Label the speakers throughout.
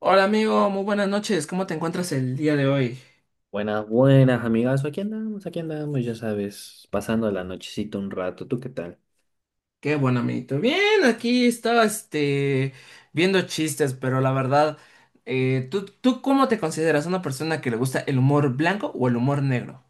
Speaker 1: Hola amigo, muy buenas noches. ¿Cómo te encuentras el día de hoy?
Speaker 2: Buenas, buenas, amigas. Aquí andamos, ya sabes, pasando la nochecita un rato. ¿Tú qué tal?
Speaker 1: Qué bueno, amiguito. Bien, aquí estaba este viendo chistes, pero la verdad, ¿tú cómo te consideras una persona que le gusta el humor blanco o el humor negro?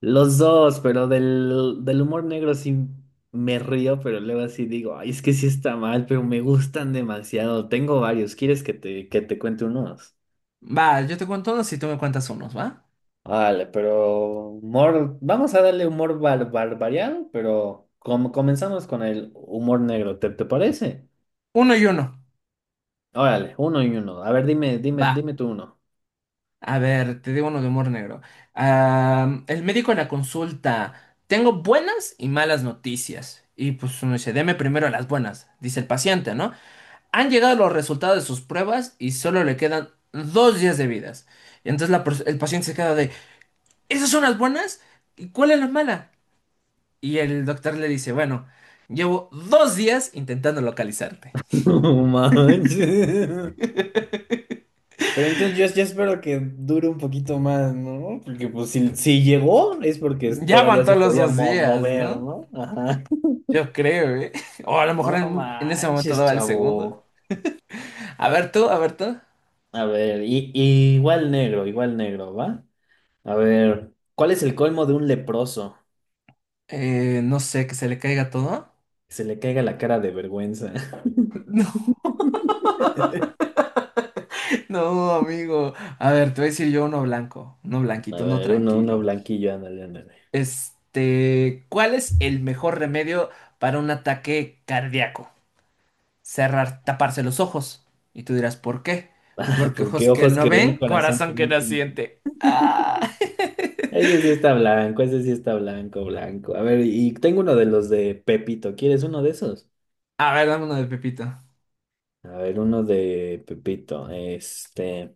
Speaker 2: Los dos, pero del humor negro sí me río, pero luego así digo, ay, es que sí está mal, pero me gustan demasiado. Tengo varios. ¿Quieres que te cuente unos?
Speaker 1: Va, yo te cuento unos y tú me cuentas unos, ¿va?
Speaker 2: Vale, pero humor, vamos a darle humor variado, pero como comenzamos con el humor negro, ¿ te parece?
Speaker 1: Uno y uno.
Speaker 2: Órale, uno y uno. A ver,
Speaker 1: Va.
Speaker 2: dime tú uno.
Speaker 1: A ver, te digo uno de humor negro. Ah, el médico en la consulta. Tengo buenas y malas noticias. Y pues uno dice, deme primero las buenas, dice el paciente, ¿no? Han llegado los resultados de sus pruebas y solo le quedan 2 días de vidas. Y entonces el paciente se queda de, ¿esas son las buenas? ¿Y cuál es la mala? Y el doctor le dice, bueno, llevo 2 días intentando localizarte.
Speaker 2: No manches. Pero entonces yo espero que dure un poquito más, ¿no? Porque pues si llegó es porque
Speaker 1: Ya
Speaker 2: todavía
Speaker 1: aguantó
Speaker 2: se
Speaker 1: los
Speaker 2: podía
Speaker 1: dos días,
Speaker 2: mover,
Speaker 1: ¿no?
Speaker 2: ¿no? Ajá.
Speaker 1: Yo creo, ¿eh? O a lo mejor
Speaker 2: No
Speaker 1: en ese momento
Speaker 2: manches,
Speaker 1: daba el segundo.
Speaker 2: chavo.
Speaker 1: A ver tú, a ver tú.
Speaker 2: A ver, y igual negro, ¿va? A ver, ¿cuál es el colmo de un leproso?
Speaker 1: No sé, que se le caiga todo.
Speaker 2: Que se le caiga la cara de vergüenza.
Speaker 1: No, no, amigo. A ver, te voy a decir yo uno blanco, uno
Speaker 2: A
Speaker 1: blanquito, uno
Speaker 2: ver, uno
Speaker 1: tranquilo.
Speaker 2: blanquillo, ándale, ándale.
Speaker 1: Este, ¿cuál es el mejor remedio para un ataque cardíaco? Cerrar, taparse los ojos. Y tú dirás, ¿por qué? Porque ojos
Speaker 2: Porque
Speaker 1: que
Speaker 2: ojos
Speaker 1: no
Speaker 2: que ven,
Speaker 1: ven,
Speaker 2: corazón que
Speaker 1: corazón que
Speaker 2: no
Speaker 1: no
Speaker 2: tiene.
Speaker 1: siente. Ah.
Speaker 2: Ese sí está blanco, ese sí está blanco, blanco. A ver, y tengo uno de los de Pepito. ¿Quieres uno de esos?
Speaker 1: A ver, dame uno de Pepito.
Speaker 2: A ver, uno de Pepito. Este.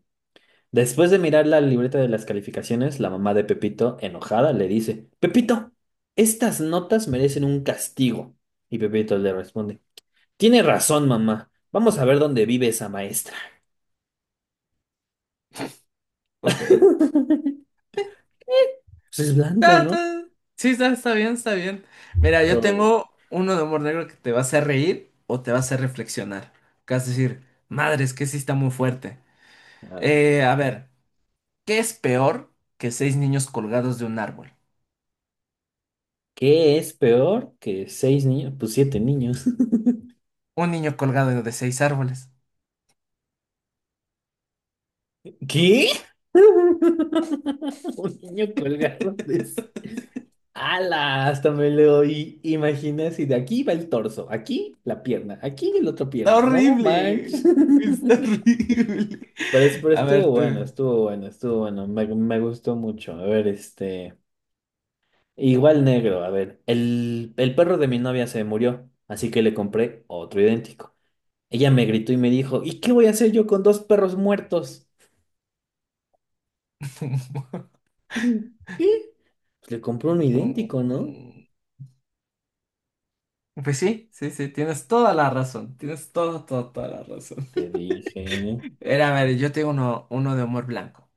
Speaker 2: Después de mirar la libreta de las calificaciones, la mamá de Pepito, enojada, le dice: Pepito, estas notas merecen un castigo. Y Pepito le responde: Tiene razón, mamá. Vamos a ver dónde vive esa maestra.
Speaker 1: Ok.
Speaker 2: Pues es blanco,
Speaker 1: Ah,
Speaker 2: ¿no?
Speaker 1: está- Sí, está, está bien, está bien. Mira, yo
Speaker 2: Oh,
Speaker 1: tengo uno de humor negro que te va a hacer reír o te va a hacer reflexionar. Que vas a decir, madre, es que sí está muy fuerte.
Speaker 2: a ver.
Speaker 1: A ver, ¿qué es peor que seis niños colgados de un árbol?
Speaker 2: ¿Qué es peor que seis niños? Pues siete niños.
Speaker 1: Un niño colgado de seis árboles.
Speaker 2: ¿Qué? Un niño colgado de... sí. ¡Hala! Hasta me lo oí. Imaginé si de aquí va el torso, aquí la pierna, aquí la otra
Speaker 1: Está
Speaker 2: pierna, no manches.
Speaker 1: horrible. Está horrible.
Speaker 2: Pero, pero
Speaker 1: A ver,
Speaker 2: estuvo
Speaker 1: tú.
Speaker 2: bueno, estuvo bueno, estuvo bueno, me gustó mucho. A ver, este, igual negro, a ver, el perro de mi novia se murió, así que le compré otro idéntico. Ella me gritó y me dijo, ¿y qué voy a hacer yo con dos perros muertos? ¿Qué? Pues le compró uno
Speaker 1: No,
Speaker 2: idéntico, ¿no?
Speaker 1: pues sí, sí, sí, tienes toda la razón. Tienes toda, toda, toda la razón.
Speaker 2: Te dije.
Speaker 1: Era, a ver, yo tengo uno, uno de humor blanco.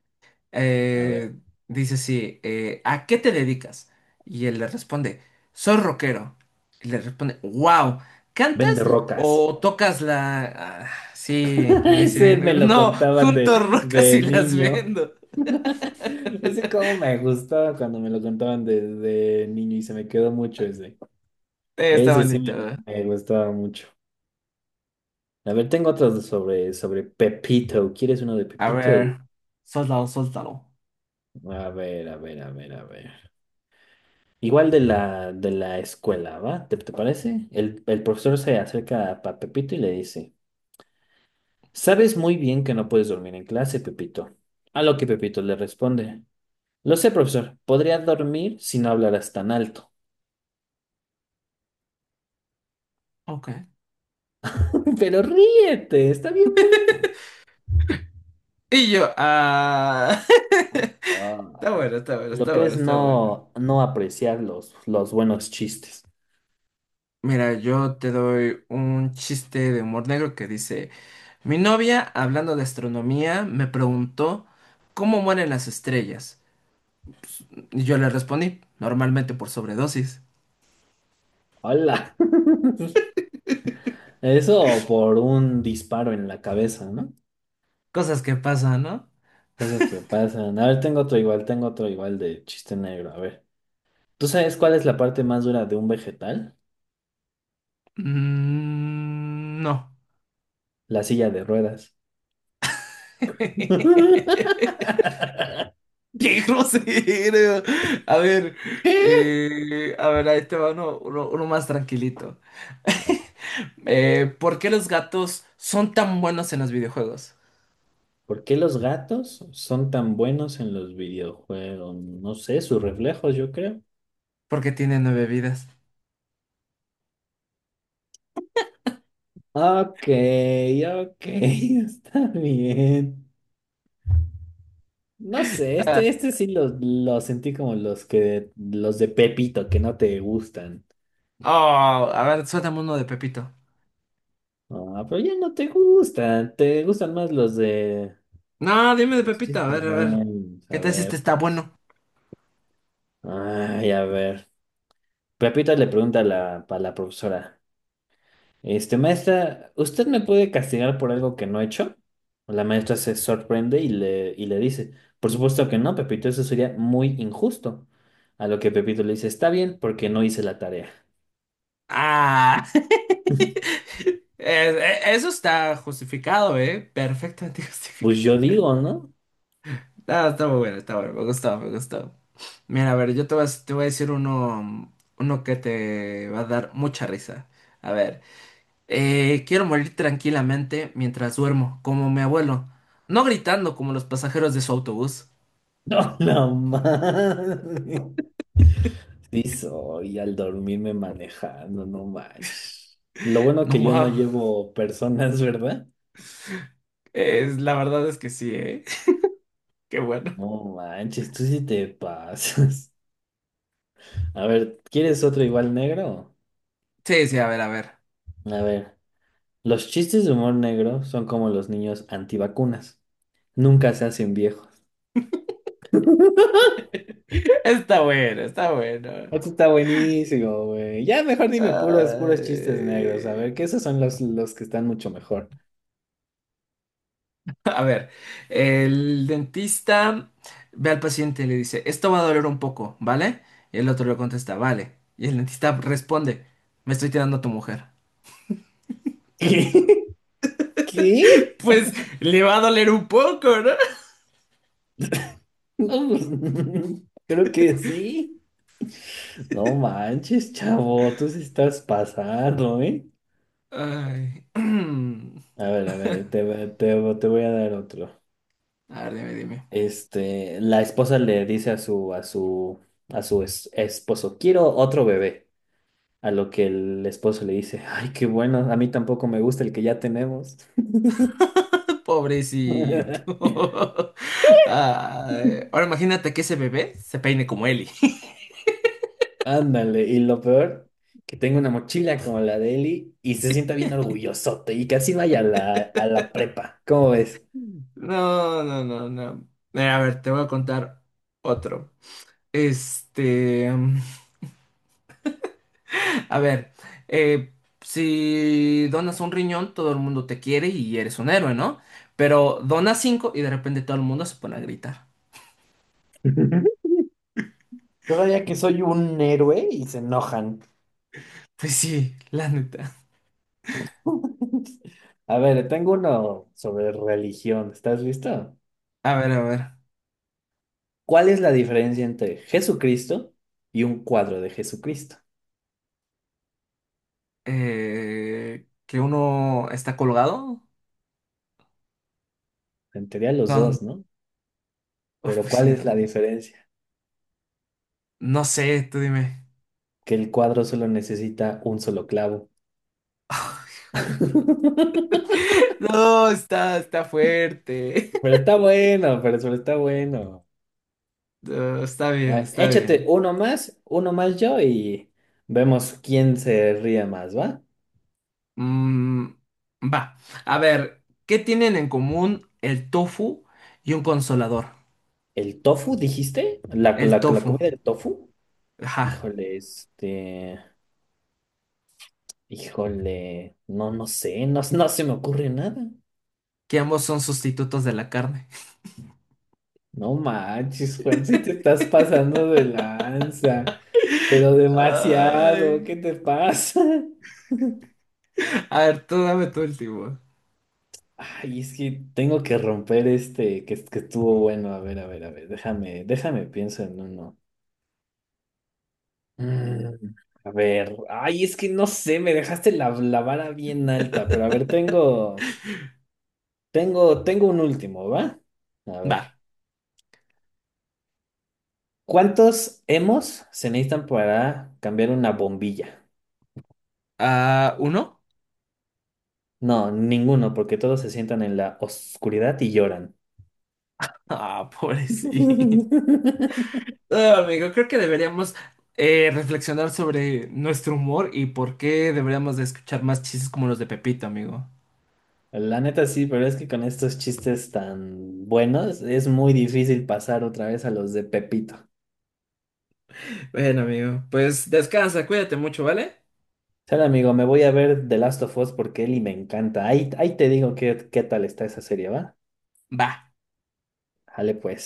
Speaker 2: A ver.
Speaker 1: Eh, dice sí, ¿a qué te dedicas? Y él le responde, soy rockero. Y le responde, wow, ¿cantas
Speaker 2: Vende rocas.
Speaker 1: o tocas la...? Ah, sí, le
Speaker 2: Ese me
Speaker 1: dicen,
Speaker 2: lo
Speaker 1: no,
Speaker 2: contaban
Speaker 1: junto rocas
Speaker 2: de
Speaker 1: y las
Speaker 2: niño.
Speaker 1: vendo.
Speaker 2: Ese como me gustaba cuando me lo contaban de niño y se me quedó mucho ese.
Speaker 1: Está
Speaker 2: Ese sí
Speaker 1: bonito.
Speaker 2: me gustaba mucho. A ver, tengo otros sobre Pepito. ¿Quieres uno de
Speaker 1: A ver,
Speaker 2: Pepito?
Speaker 1: suéltalo, suéltalo.
Speaker 2: A ver, a ver, a ver, a ver. Igual de la escuela, ¿va? ¿ te parece? El profesor se acerca a Pepito y le dice. Sabes muy bien que no puedes dormir en clase, Pepito. A lo que Pepito le responde. Lo sé, profesor. Podría dormir si no hablaras tan alto.
Speaker 1: Ok.
Speaker 2: Pero ríete, está bien bueno.
Speaker 1: Y yo, ah...
Speaker 2: Ah,
Speaker 1: Está bueno, está bueno,
Speaker 2: lo
Speaker 1: está
Speaker 2: que
Speaker 1: bueno,
Speaker 2: es
Speaker 1: está bueno.
Speaker 2: no apreciar los buenos chistes.
Speaker 1: Mira, yo te doy un chiste de humor negro que dice... Mi novia, hablando de astronomía, me preguntó cómo mueren las estrellas. Y yo le respondí, normalmente por sobredosis.
Speaker 2: Hola. Eso por un disparo en la cabeza, ¿no?
Speaker 1: Cosas que pasan, ¿no?
Speaker 2: Cosas que pasan. A ver, tengo otro igual de chiste negro. A ver. ¿Tú sabes cuál es la parte más dura de un vegetal?
Speaker 1: Mm, no.
Speaker 2: La silla de ruedas.
Speaker 1: ¡Qué grosero! A ver,
Speaker 2: ¿Qué?
Speaker 1: a ver, ahí te va uno, uno más tranquilito. ¿Por qué los gatos son tan buenos en los videojuegos?
Speaker 2: ¿Por qué los gatos son tan buenos en los videojuegos? No sé, sus reflejos, yo creo.
Speaker 1: Porque tienen nueve vidas.
Speaker 2: Ok, ok, está bien. No sé,
Speaker 1: Ah,
Speaker 2: este sí lo sentí como los que, los de Pepito que no te gustan.
Speaker 1: oh, a ver, suéltame uno de Pepito.
Speaker 2: Ah, pero ya no te gustan, te gustan más los de
Speaker 1: No, dime de
Speaker 2: los
Speaker 1: Pepita, a ver,
Speaker 2: chistes
Speaker 1: a ver.
Speaker 2: nerds.
Speaker 1: ¿Qué
Speaker 2: A
Speaker 1: tal si este
Speaker 2: ver,
Speaker 1: está
Speaker 2: pues.
Speaker 1: bueno?
Speaker 2: Ay, a ver. Pepito le pregunta a a la profesora. Este, maestra, ¿usted me puede castigar por algo que no he hecho? La maestra se sorprende y y le dice, por supuesto que no, Pepito, eso sería muy injusto. A lo que Pepito le dice, está bien, porque no hice la tarea.
Speaker 1: Ah. Eso está justificado, ¿eh? Perfectamente
Speaker 2: Pues
Speaker 1: justificado.
Speaker 2: yo digo, ¿no?
Speaker 1: No, está muy bueno, está bueno. Me gustó, me gustó. Mira, a ver, yo te voy a decir uno, uno que te va a dar mucha risa. A ver, quiero morir tranquilamente mientras duermo, como mi abuelo. No gritando como los pasajeros de su autobús.
Speaker 2: No, no manches. Sí soy, al dormirme manejando, no manches. Lo bueno
Speaker 1: No
Speaker 2: que yo no
Speaker 1: más.
Speaker 2: llevo personas, ¿verdad?
Speaker 1: La verdad es que sí, ¿eh? Qué bueno.
Speaker 2: No manches, tú sí te pasas. A ver, ¿quieres otro igual negro?
Speaker 1: Sí, sí, a ver, a ver.
Speaker 2: A ver. Los chistes de humor negro son como los niños antivacunas. Nunca se hacen viejos.
Speaker 1: Está bueno, está bueno.
Speaker 2: Esto está buenísimo, güey. Ya mejor dime puros, puros chistes negros. A ver, que
Speaker 1: Ay.
Speaker 2: esos son los que están mucho mejor.
Speaker 1: A ver, el dentista ve al paciente y le dice, esto va a doler un poco, ¿vale? Y el otro le contesta, vale. Y el dentista responde, me estoy tirando a tu mujer.
Speaker 2: ¿Qué?
Speaker 1: Pues le va a doler un poco, ¿no?
Speaker 2: No, pues, creo que sí. No manches, chavo. Tú sí estás pasando, ¿eh?
Speaker 1: Ay.
Speaker 2: A ver, te voy a dar otro.
Speaker 1: A ver, dime, dime.
Speaker 2: Este, la esposa le dice a su esposo, quiero otro bebé. A lo que el esposo le dice, ay, qué bueno, a mí tampoco me gusta el que ya tenemos.
Speaker 1: Pobrecito. Ay. Ahora imagínate que ese bebé se peine como Eli.
Speaker 2: Ándale, y lo peor, que tengo una mochila como la de Eli y se sienta bien orgullosote y casi vaya a a la prepa. ¿Cómo ves?
Speaker 1: No, no, no, no. A ver, te voy a contar otro. Este, a ver, eh, si donas un riñón, todo el mundo te quiere y eres un héroe, ¿no? Pero donas cinco y de repente todo el mundo se pone a gritar.
Speaker 2: Todavía que soy un héroe y se enojan.
Speaker 1: Pues sí, la neta.
Speaker 2: A ver, tengo uno sobre religión. ¿Estás listo?
Speaker 1: A ver, a ver.
Speaker 2: ¿Cuál es la diferencia entre Jesucristo y un cuadro de Jesucristo?
Speaker 1: Eh, que uno está colgado.
Speaker 2: En teoría los
Speaker 1: No,
Speaker 2: dos, ¿no?
Speaker 1: oh,
Speaker 2: Pero
Speaker 1: pues
Speaker 2: ¿cuál
Speaker 1: sí,
Speaker 2: es la
Speaker 1: no.
Speaker 2: diferencia?
Speaker 1: No sé, tú dime.
Speaker 2: Que el cuadro solo necesita un solo clavo.
Speaker 1: No, está, está fuerte.
Speaker 2: Pero está bueno, pero está bueno.
Speaker 1: No, está
Speaker 2: A
Speaker 1: bien,
Speaker 2: ver,
Speaker 1: está
Speaker 2: échate
Speaker 1: bien.
Speaker 2: uno más yo y vemos quién se ríe más, ¿va?
Speaker 1: Mm, va. A ver, ¿qué tienen en común el tofu y un consolador?
Speaker 2: ¿El tofu, dijiste?
Speaker 1: El
Speaker 2: La
Speaker 1: tofu.
Speaker 2: comida del tofu?
Speaker 1: Ajá.
Speaker 2: Híjole, este... Híjole, no, no sé, no, no se me ocurre nada.
Speaker 1: Que ambos son sustitutos de la carne.
Speaker 2: No manches, Juan, si te estás pasando de lanza, pero demasiado,
Speaker 1: Ay.
Speaker 2: ¿qué te pasa?
Speaker 1: A ver, tú dame tu último.
Speaker 2: Ay, es que tengo que romper este que estuvo bueno. A ver, a ver, a ver, déjame, pienso en uno. Mm, a ver, ay, es que no sé, me dejaste la vara bien alta, pero a ver, tengo un último, ¿va? A
Speaker 1: Va.
Speaker 2: ver, ¿cuántos hemos se necesitan para cambiar una bombilla?
Speaker 1: Ah, ¿uno?
Speaker 2: No, ninguno, porque todos se sientan en la oscuridad y lloran.
Speaker 1: Ah, pobrecito. Ah, amigo, creo que deberíamos reflexionar sobre nuestro humor y por qué deberíamos de escuchar más chistes como los de Pepito, amigo.
Speaker 2: La neta sí, pero es que con estos chistes tan buenos es muy difícil pasar otra vez a los de Pepito.
Speaker 1: Bueno, amigo, pues descansa, cuídate mucho, ¿vale?
Speaker 2: Sale amigo, me voy a ver The Last of Us porque Eli me encanta. Ahí, ahí te digo qué, qué tal está esa serie, ¿va?
Speaker 1: Va.
Speaker 2: Dale pues.